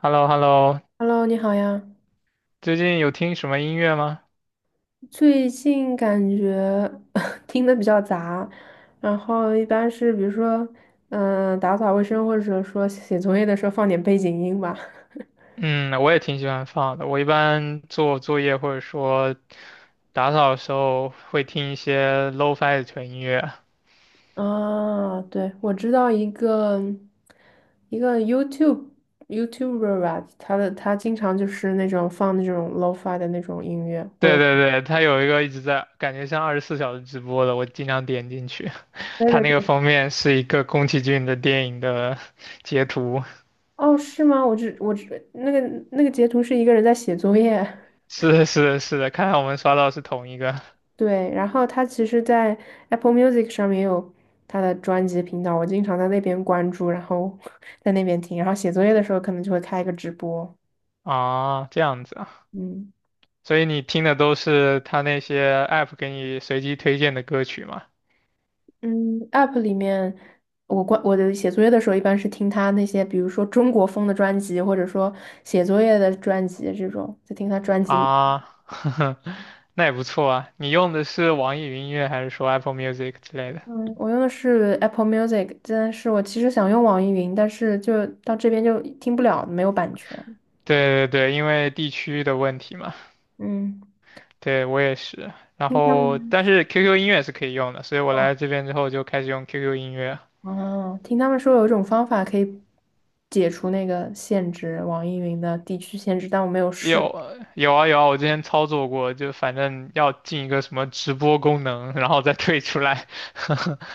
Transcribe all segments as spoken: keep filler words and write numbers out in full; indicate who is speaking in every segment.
Speaker 1: h e l l o h e l l o
Speaker 2: Hello，你好呀。
Speaker 1: 最近有听什么音乐吗？
Speaker 2: 最近感觉 听的比较杂，然后一般是比如说，嗯、打扫卫生或者说写作业的时候放点背景音吧。
Speaker 1: 嗯，我也挺喜欢放的。我一般做作业或者说打扫的时候会听一些 lo-fi w 的纯音乐。
Speaker 2: 啊，对，我知道一个一个 YouTube YouTuber 吧，他的他经常就是那种放那种 lo-fi 的那种音乐，我
Speaker 1: 对
Speaker 2: 有。
Speaker 1: 对对，它有一个一直在，感觉像二十四小时直播的，我经常点进去。
Speaker 2: 对
Speaker 1: 它
Speaker 2: 对
Speaker 1: 那个
Speaker 2: 对。
Speaker 1: 封面是一个宫崎骏的电影的截图。
Speaker 2: 哦，是吗？我只我只那个那个截图是一个人在写作业。
Speaker 1: 是的，是的，是的，看来我们刷到是同一个
Speaker 2: 对，然后他其实，在 Apple Music 上面也有他的专辑频道，我经常在那边关注，然后 在那边听，然后写作业的时候可能就会开一个直播。
Speaker 1: 啊。这样子啊。
Speaker 2: 嗯。
Speaker 1: 所以你听的都是他那些 app 给你随机推荐的歌曲吗？
Speaker 2: 嗯，App 里面，我关我的写作业的时候一般是听他那些，比如说中国风的专辑，或者说写作业的专辑这种，在听他专辑里。
Speaker 1: 啊，呵呵，那也不错啊。你用的是网易云音乐还是说 Apple Music 之类的？
Speaker 2: 嗯，我用的是 Apple Music，但是我其实想用网易云，但是就到这边就听不了，没有版权。
Speaker 1: 对对对，因为地区的问题嘛。
Speaker 2: 嗯，
Speaker 1: 对，我也是。然
Speaker 2: 听他
Speaker 1: 后，
Speaker 2: 们。
Speaker 1: 但是 Q Q 音乐是可以用的，所以我来这边之后就开始用 Q Q 音乐。
Speaker 2: 哦，听他们说有一种方法可以解除那个限制，网易云的地区限制，但我没有
Speaker 1: 有
Speaker 2: 试。
Speaker 1: 有啊有啊，我之前操作过，就反正要进一个什么直播功能，然后再退出来，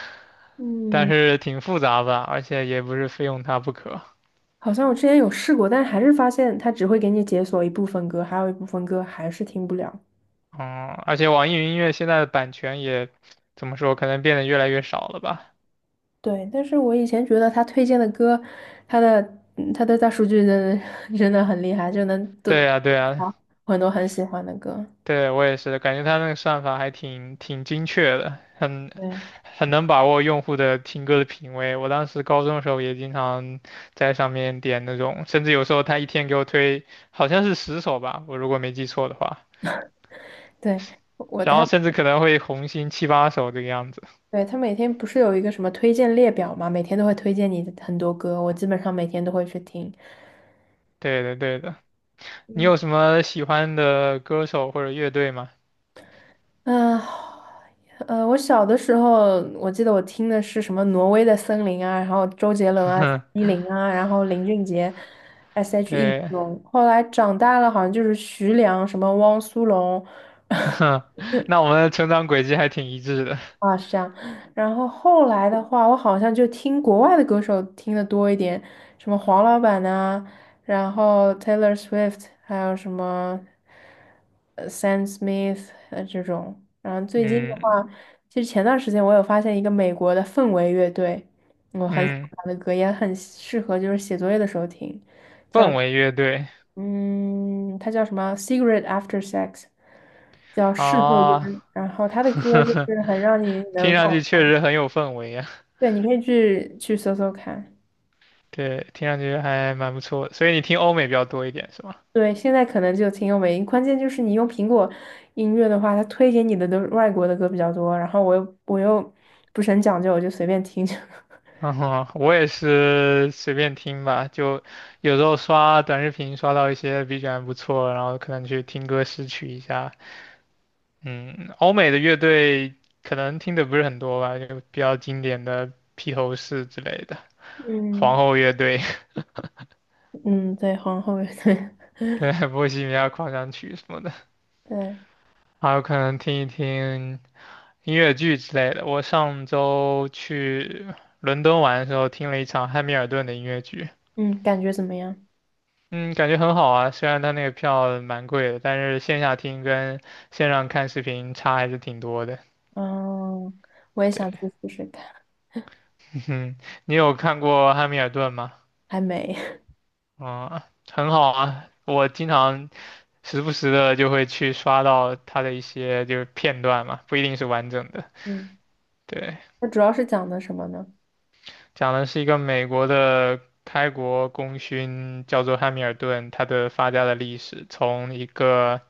Speaker 1: 但
Speaker 2: 嗯，
Speaker 1: 是挺复杂吧，而且也不是非用它不可。
Speaker 2: 好像我之前有试过，但还是发现它只会给你解锁一部分歌，还有一部分歌还是听不了。
Speaker 1: 嗯，而且网易云音乐现在的版权也怎么说，可能变得越来越少了吧？
Speaker 2: 对，但是我以前觉得他推荐的歌，他的嗯他的大数据真的 真的很厉害，就能都
Speaker 1: 对呀，对呀，
Speaker 2: 很多很喜欢的歌。
Speaker 1: 对，我也是，感觉它那个算法还挺挺精确的，很
Speaker 2: 对
Speaker 1: 很能把握用户的听歌的品味。我当时高中的时候也经常在上面点那种，甚至有时候它一天给我推好像是十首吧，我如果没记错的话，
Speaker 2: 对，我
Speaker 1: 然
Speaker 2: 他。
Speaker 1: 后甚至可能会红心七八首这个样子。
Speaker 2: 对，他每天不是有一个什么推荐列表嘛，每天都会推荐你的很多歌，我基本上每天都会去听。
Speaker 1: 对的，对的。你
Speaker 2: 嗯。
Speaker 1: 有什么喜欢的歌手或者乐队吗？
Speaker 2: 啊，呃，我小的时候，我记得我听的是什么《挪威的森林》啊，然后周杰伦啊、蔡依林啊，然后林俊杰、S H.E 这
Speaker 1: 对。
Speaker 2: 种。后来长大了，好像就是徐良、什么汪苏泷，
Speaker 1: 哼，那我们的成长轨迹还挺一致的。
Speaker 2: 啊，是这样。然后后来的话，我好像就听国外的歌手听的多一点，什么黄老板呐、然后 Taylor Swift，还有什么呃 Sam Smith 呃这种。然后最近的
Speaker 1: 嗯
Speaker 2: 话，其实前段时间我有发现一个美国的氛围乐队，我很喜欢
Speaker 1: 嗯，
Speaker 2: 他的歌，也很适合就是写作业的时候听。
Speaker 1: 氛围乐队
Speaker 2: 嗯，它叫什么 c i g a r e t After Sex，叫事后
Speaker 1: 啊，
Speaker 2: 烟。然后他的 歌就是很让你
Speaker 1: 听
Speaker 2: 难
Speaker 1: 上去
Speaker 2: 放。
Speaker 1: 确实很有氛围呀。
Speaker 2: 对，你可以去去搜搜看。
Speaker 1: 对，听上去还蛮不错的，所以你听欧美比较多一点是吗？
Speaker 2: 对，现在可能就挺有美音，关键就是你用苹果音乐的话，它推给你的都是外国的歌比较多，然后我又我又不是很讲究，我就随便听。
Speaker 1: 嗯哼，我也是随便听吧，就有时候刷短视频刷到一些 B G M 不错，然后可能去听歌识曲一下。嗯，欧美的乐队可能听的不是很多吧，就比较经典的披头士之类的，皇
Speaker 2: 嗯。
Speaker 1: 后乐队。
Speaker 2: 嗯，对，皇后，对
Speaker 1: 对，《波西米亚狂想曲》什么的，
Speaker 2: 对。
Speaker 1: 还有可能听一听音乐剧之类的。我上周去伦敦玩的时候，听了一场汉密尔顿的音乐剧，
Speaker 2: 嗯，感觉怎么样？
Speaker 1: 嗯，感觉很好啊。虽然它那个票蛮贵的，但是线下听跟线上看视频差还是挺多的。
Speaker 2: 嗯，我也
Speaker 1: 对，
Speaker 2: 想去试试看，
Speaker 1: 嗯，你有看过汉密尔顿吗？
Speaker 2: 还没。
Speaker 1: 嗯，很好啊。我经常时不时的就会去刷到它的一些就是片段嘛，不一定是完整的。
Speaker 2: 嗯，
Speaker 1: 对，
Speaker 2: 它主要是讲的什么呢？
Speaker 1: 讲的是一个美国的开国功勋，叫做汉密尔顿，他的发家的历史，从一个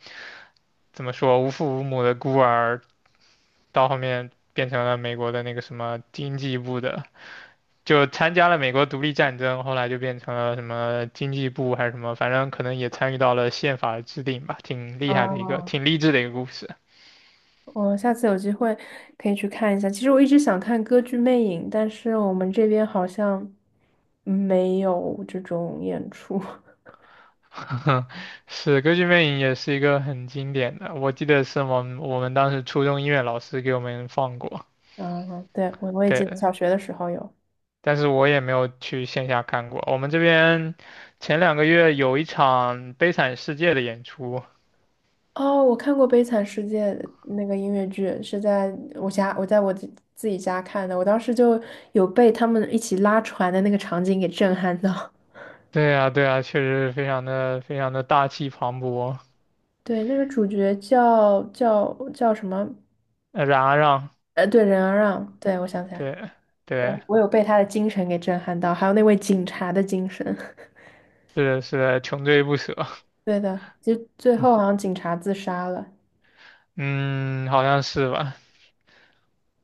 Speaker 1: 怎么说无父无母的孤儿，到后面变成了美国的那个什么经济部的，就参加了美国独立战争，后来就变成了什么经济部还是什么，反正可能也参与到了宪法的制定吧，挺厉害的一个，
Speaker 2: 啊。
Speaker 1: 挺励志的一个故事。
Speaker 2: 我下次有机会可以去看一下。其实我一直想看歌剧《魅影》，但是我们这边好像没有这种演出。
Speaker 1: 是《歌剧魅影》也是一个很经典的，我记得是我们我们当时初中音乐老师给我们放过。
Speaker 2: 嗯，对，我我也记得
Speaker 1: 对，
Speaker 2: 小学的时候有。
Speaker 1: 但是我也没有去线下看过。我们这边前两个月有一场《悲惨世界》的演出，
Speaker 2: 哦，我看过《悲惨世界》那个音乐剧，是在我家，我在我自自己家看的。我当时就有被他们一起拉船的那个场景给震撼到。
Speaker 1: 对呀，对呀，确实非常的非常的大气磅礴，
Speaker 2: 对，那个主角叫叫叫什么？
Speaker 1: 呃冉阿让，
Speaker 2: 呃，对，任阿让。对，我想起来。
Speaker 1: 对
Speaker 2: 呃
Speaker 1: 对，
Speaker 2: 我有被他的精神给震撼到，还有那位警察的精神。
Speaker 1: 是的是的穷追不舍，
Speaker 2: 对的，就最后好像警察自杀了，
Speaker 1: 嗯，好像是吧，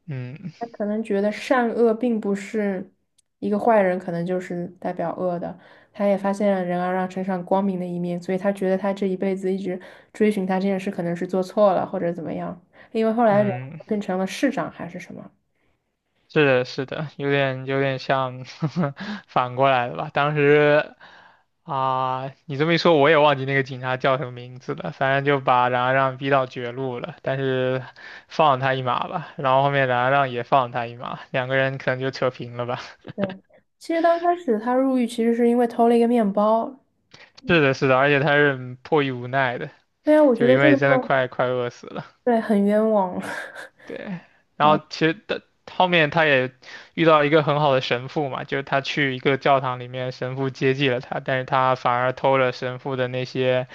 Speaker 1: 嗯
Speaker 2: 他可能觉得善恶并不是一个坏人，可能就是代表恶的。他也发现了人要让身上光明的一面，所以他觉得他这一辈子一直追寻他这件事，可能是做错了或者怎么样。因为后来人
Speaker 1: 嗯。
Speaker 2: 变成了市长还是什么？
Speaker 1: 是的，是的，有点有点像 反过来的吧。当时啊、你这么一说，我也忘记那个警察叫什么名字了。反正就把冉阿让逼到绝路了，但是放了他一马吧。然后后面冉阿让也放了他一马，两个人可能就扯平了吧。
Speaker 2: 对，其实刚开始他入狱其实是因为偷了一个面包。
Speaker 1: 是的，是的，而且他是迫于无奈的，
Speaker 2: 对啊，我觉
Speaker 1: 就
Speaker 2: 得
Speaker 1: 因
Speaker 2: 这
Speaker 1: 为
Speaker 2: 个
Speaker 1: 真的
Speaker 2: 就
Speaker 1: 快快饿死了。
Speaker 2: 对很冤枉。
Speaker 1: 对，然后
Speaker 2: 啊
Speaker 1: 其实的后面他也遇到一个很好的神父嘛，就是他去一个教堂里面，神父接济了他，但是他反而偷了神父的那些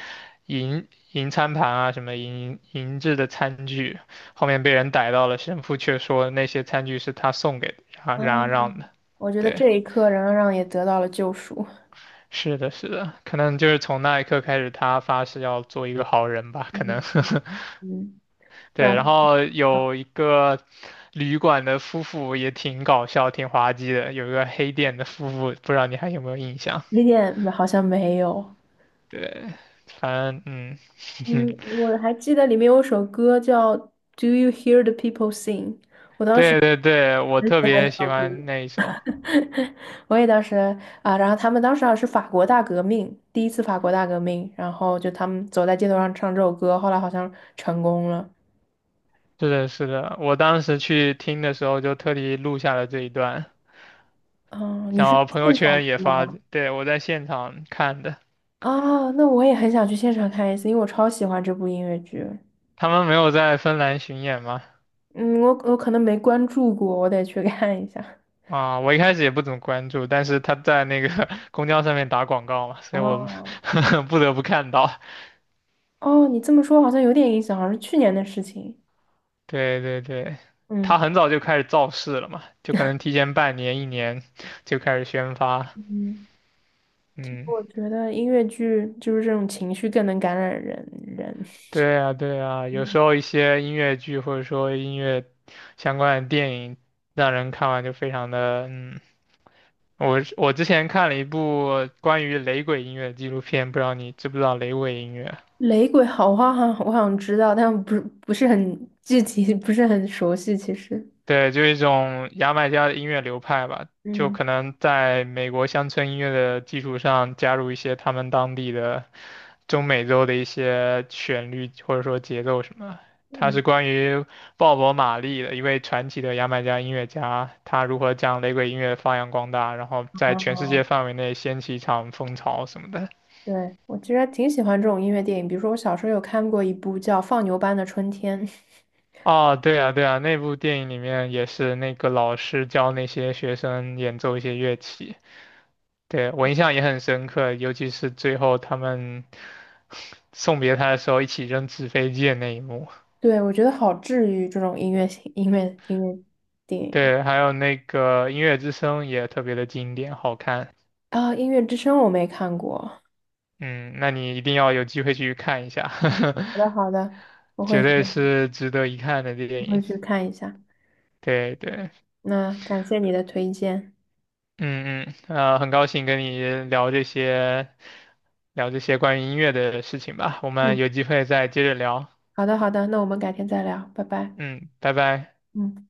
Speaker 1: 银银餐盘啊，什么银银制的餐具，后面被人逮到了，神父却说那些餐具是他送给冉
Speaker 2: 啊。
Speaker 1: 冉阿让的。
Speaker 2: 我觉得
Speaker 1: 对，
Speaker 2: 这一刻冉让让也得到了救赎。
Speaker 1: 是的，是的，可能就是从那一刻开始，他发誓要做一个好人吧，可能
Speaker 2: 嗯 嗯，
Speaker 1: 对，
Speaker 2: 然
Speaker 1: 然
Speaker 2: 后
Speaker 1: 后
Speaker 2: 啊，
Speaker 1: 有一个旅馆的夫妇也挺搞笑、挺滑稽的，有一个黑店的夫妇，不知道你还有没有印象？
Speaker 2: 雷点好像没有。
Speaker 1: 对，反正嗯，
Speaker 2: 嗯，我还记得里面有首歌叫《Do You Hear the People Sing》，我当时
Speaker 1: 对对对，我
Speaker 2: 喜
Speaker 1: 特
Speaker 2: 欢
Speaker 1: 别
Speaker 2: 这
Speaker 1: 喜
Speaker 2: 首
Speaker 1: 欢
Speaker 2: 歌。
Speaker 1: 那一首。
Speaker 2: 我也当时啊，然后他们当时好像是法国大革命，第一次法国大革命，然后就他们走在街头上唱这首歌，后来好像成功了。
Speaker 1: 是的，是的，我当时去听的时候就特地录下了这一段，
Speaker 2: 嗯，你
Speaker 1: 然
Speaker 2: 是
Speaker 1: 后朋友
Speaker 2: 现场
Speaker 1: 圈也
Speaker 2: 听的
Speaker 1: 发，
Speaker 2: 吗？
Speaker 1: 对，我在现场看的。
Speaker 2: 啊，那我也很想去现场看一次，因为我超喜欢这部音乐剧。
Speaker 1: 他们没有在芬兰巡演吗？
Speaker 2: 嗯，我我可能没关注过，我得去看一下。
Speaker 1: 啊，我一开始也不怎么关注，但是他在那个 公交上面打广告嘛，所以我
Speaker 2: 哦，
Speaker 1: 不得不看到。
Speaker 2: 哦，你这么说好像有点印象，好像是去年的事情。
Speaker 1: 对对对，他
Speaker 2: 嗯。
Speaker 1: 很早就开始造势了嘛，就可能提前半年、一年 就开始宣发。
Speaker 2: 嗯，其实
Speaker 1: 嗯，
Speaker 2: 我觉得音乐剧就是这种情绪更能感染人人。
Speaker 1: 对啊对啊，有
Speaker 2: 嗯
Speaker 1: 时候一些音乐剧或者说音乐相关的电影，让人看完就非常的嗯。我我之前看了一部关于雷鬼音乐的纪录片，不知道你知不知道雷鬼音乐？
Speaker 2: 雷鬼好花好像我好像知道，但不是不是很具体，不是很熟悉。其实，
Speaker 1: 对，就一种牙买加的音乐流派吧，就
Speaker 2: 嗯
Speaker 1: 可能在美国乡村音乐的基础上，加入一些他们当地的中美洲的一些旋律或者说节奏什么他它
Speaker 2: 嗯，
Speaker 1: 是关于鲍勃·马利的一位传奇的牙买加音乐家，他如何将雷鬼音乐发扬光大，然后在全
Speaker 2: 哦，
Speaker 1: 世界范围内掀起一场风潮什么的。
Speaker 2: 对，我其实还挺喜欢这种音乐电影，比如说我小时候有看过一部叫《放牛班的春天》。
Speaker 1: 哦，对啊，对啊，那部电影里面也是那个老师教那些学生演奏一些乐器。对，我印象也很深刻，尤其是最后他们 送别他的时候一起扔纸飞机的那一幕。
Speaker 2: 对，我觉得好治愈这种音乐性音乐音乐电影
Speaker 1: 对，还有那个《音乐之声》也特别的经典，好看。
Speaker 2: 啊，《音乐之声》我没看过。好
Speaker 1: 嗯，那你一定要有机会去看一下，
Speaker 2: 的，好的，我会
Speaker 1: 绝
Speaker 2: 去
Speaker 1: 对是值得一看的电
Speaker 2: 我会
Speaker 1: 影。
Speaker 2: 去看一下。
Speaker 1: 对对，
Speaker 2: 那感谢你的推荐。
Speaker 1: 嗯嗯，呃，很高兴跟你聊这些，聊这些关于音乐的事情吧。我们
Speaker 2: 嗯，
Speaker 1: 有机会再接着聊。
Speaker 2: 好的，好的，那我们改天再聊，拜拜。
Speaker 1: 嗯，拜拜。
Speaker 2: 嗯。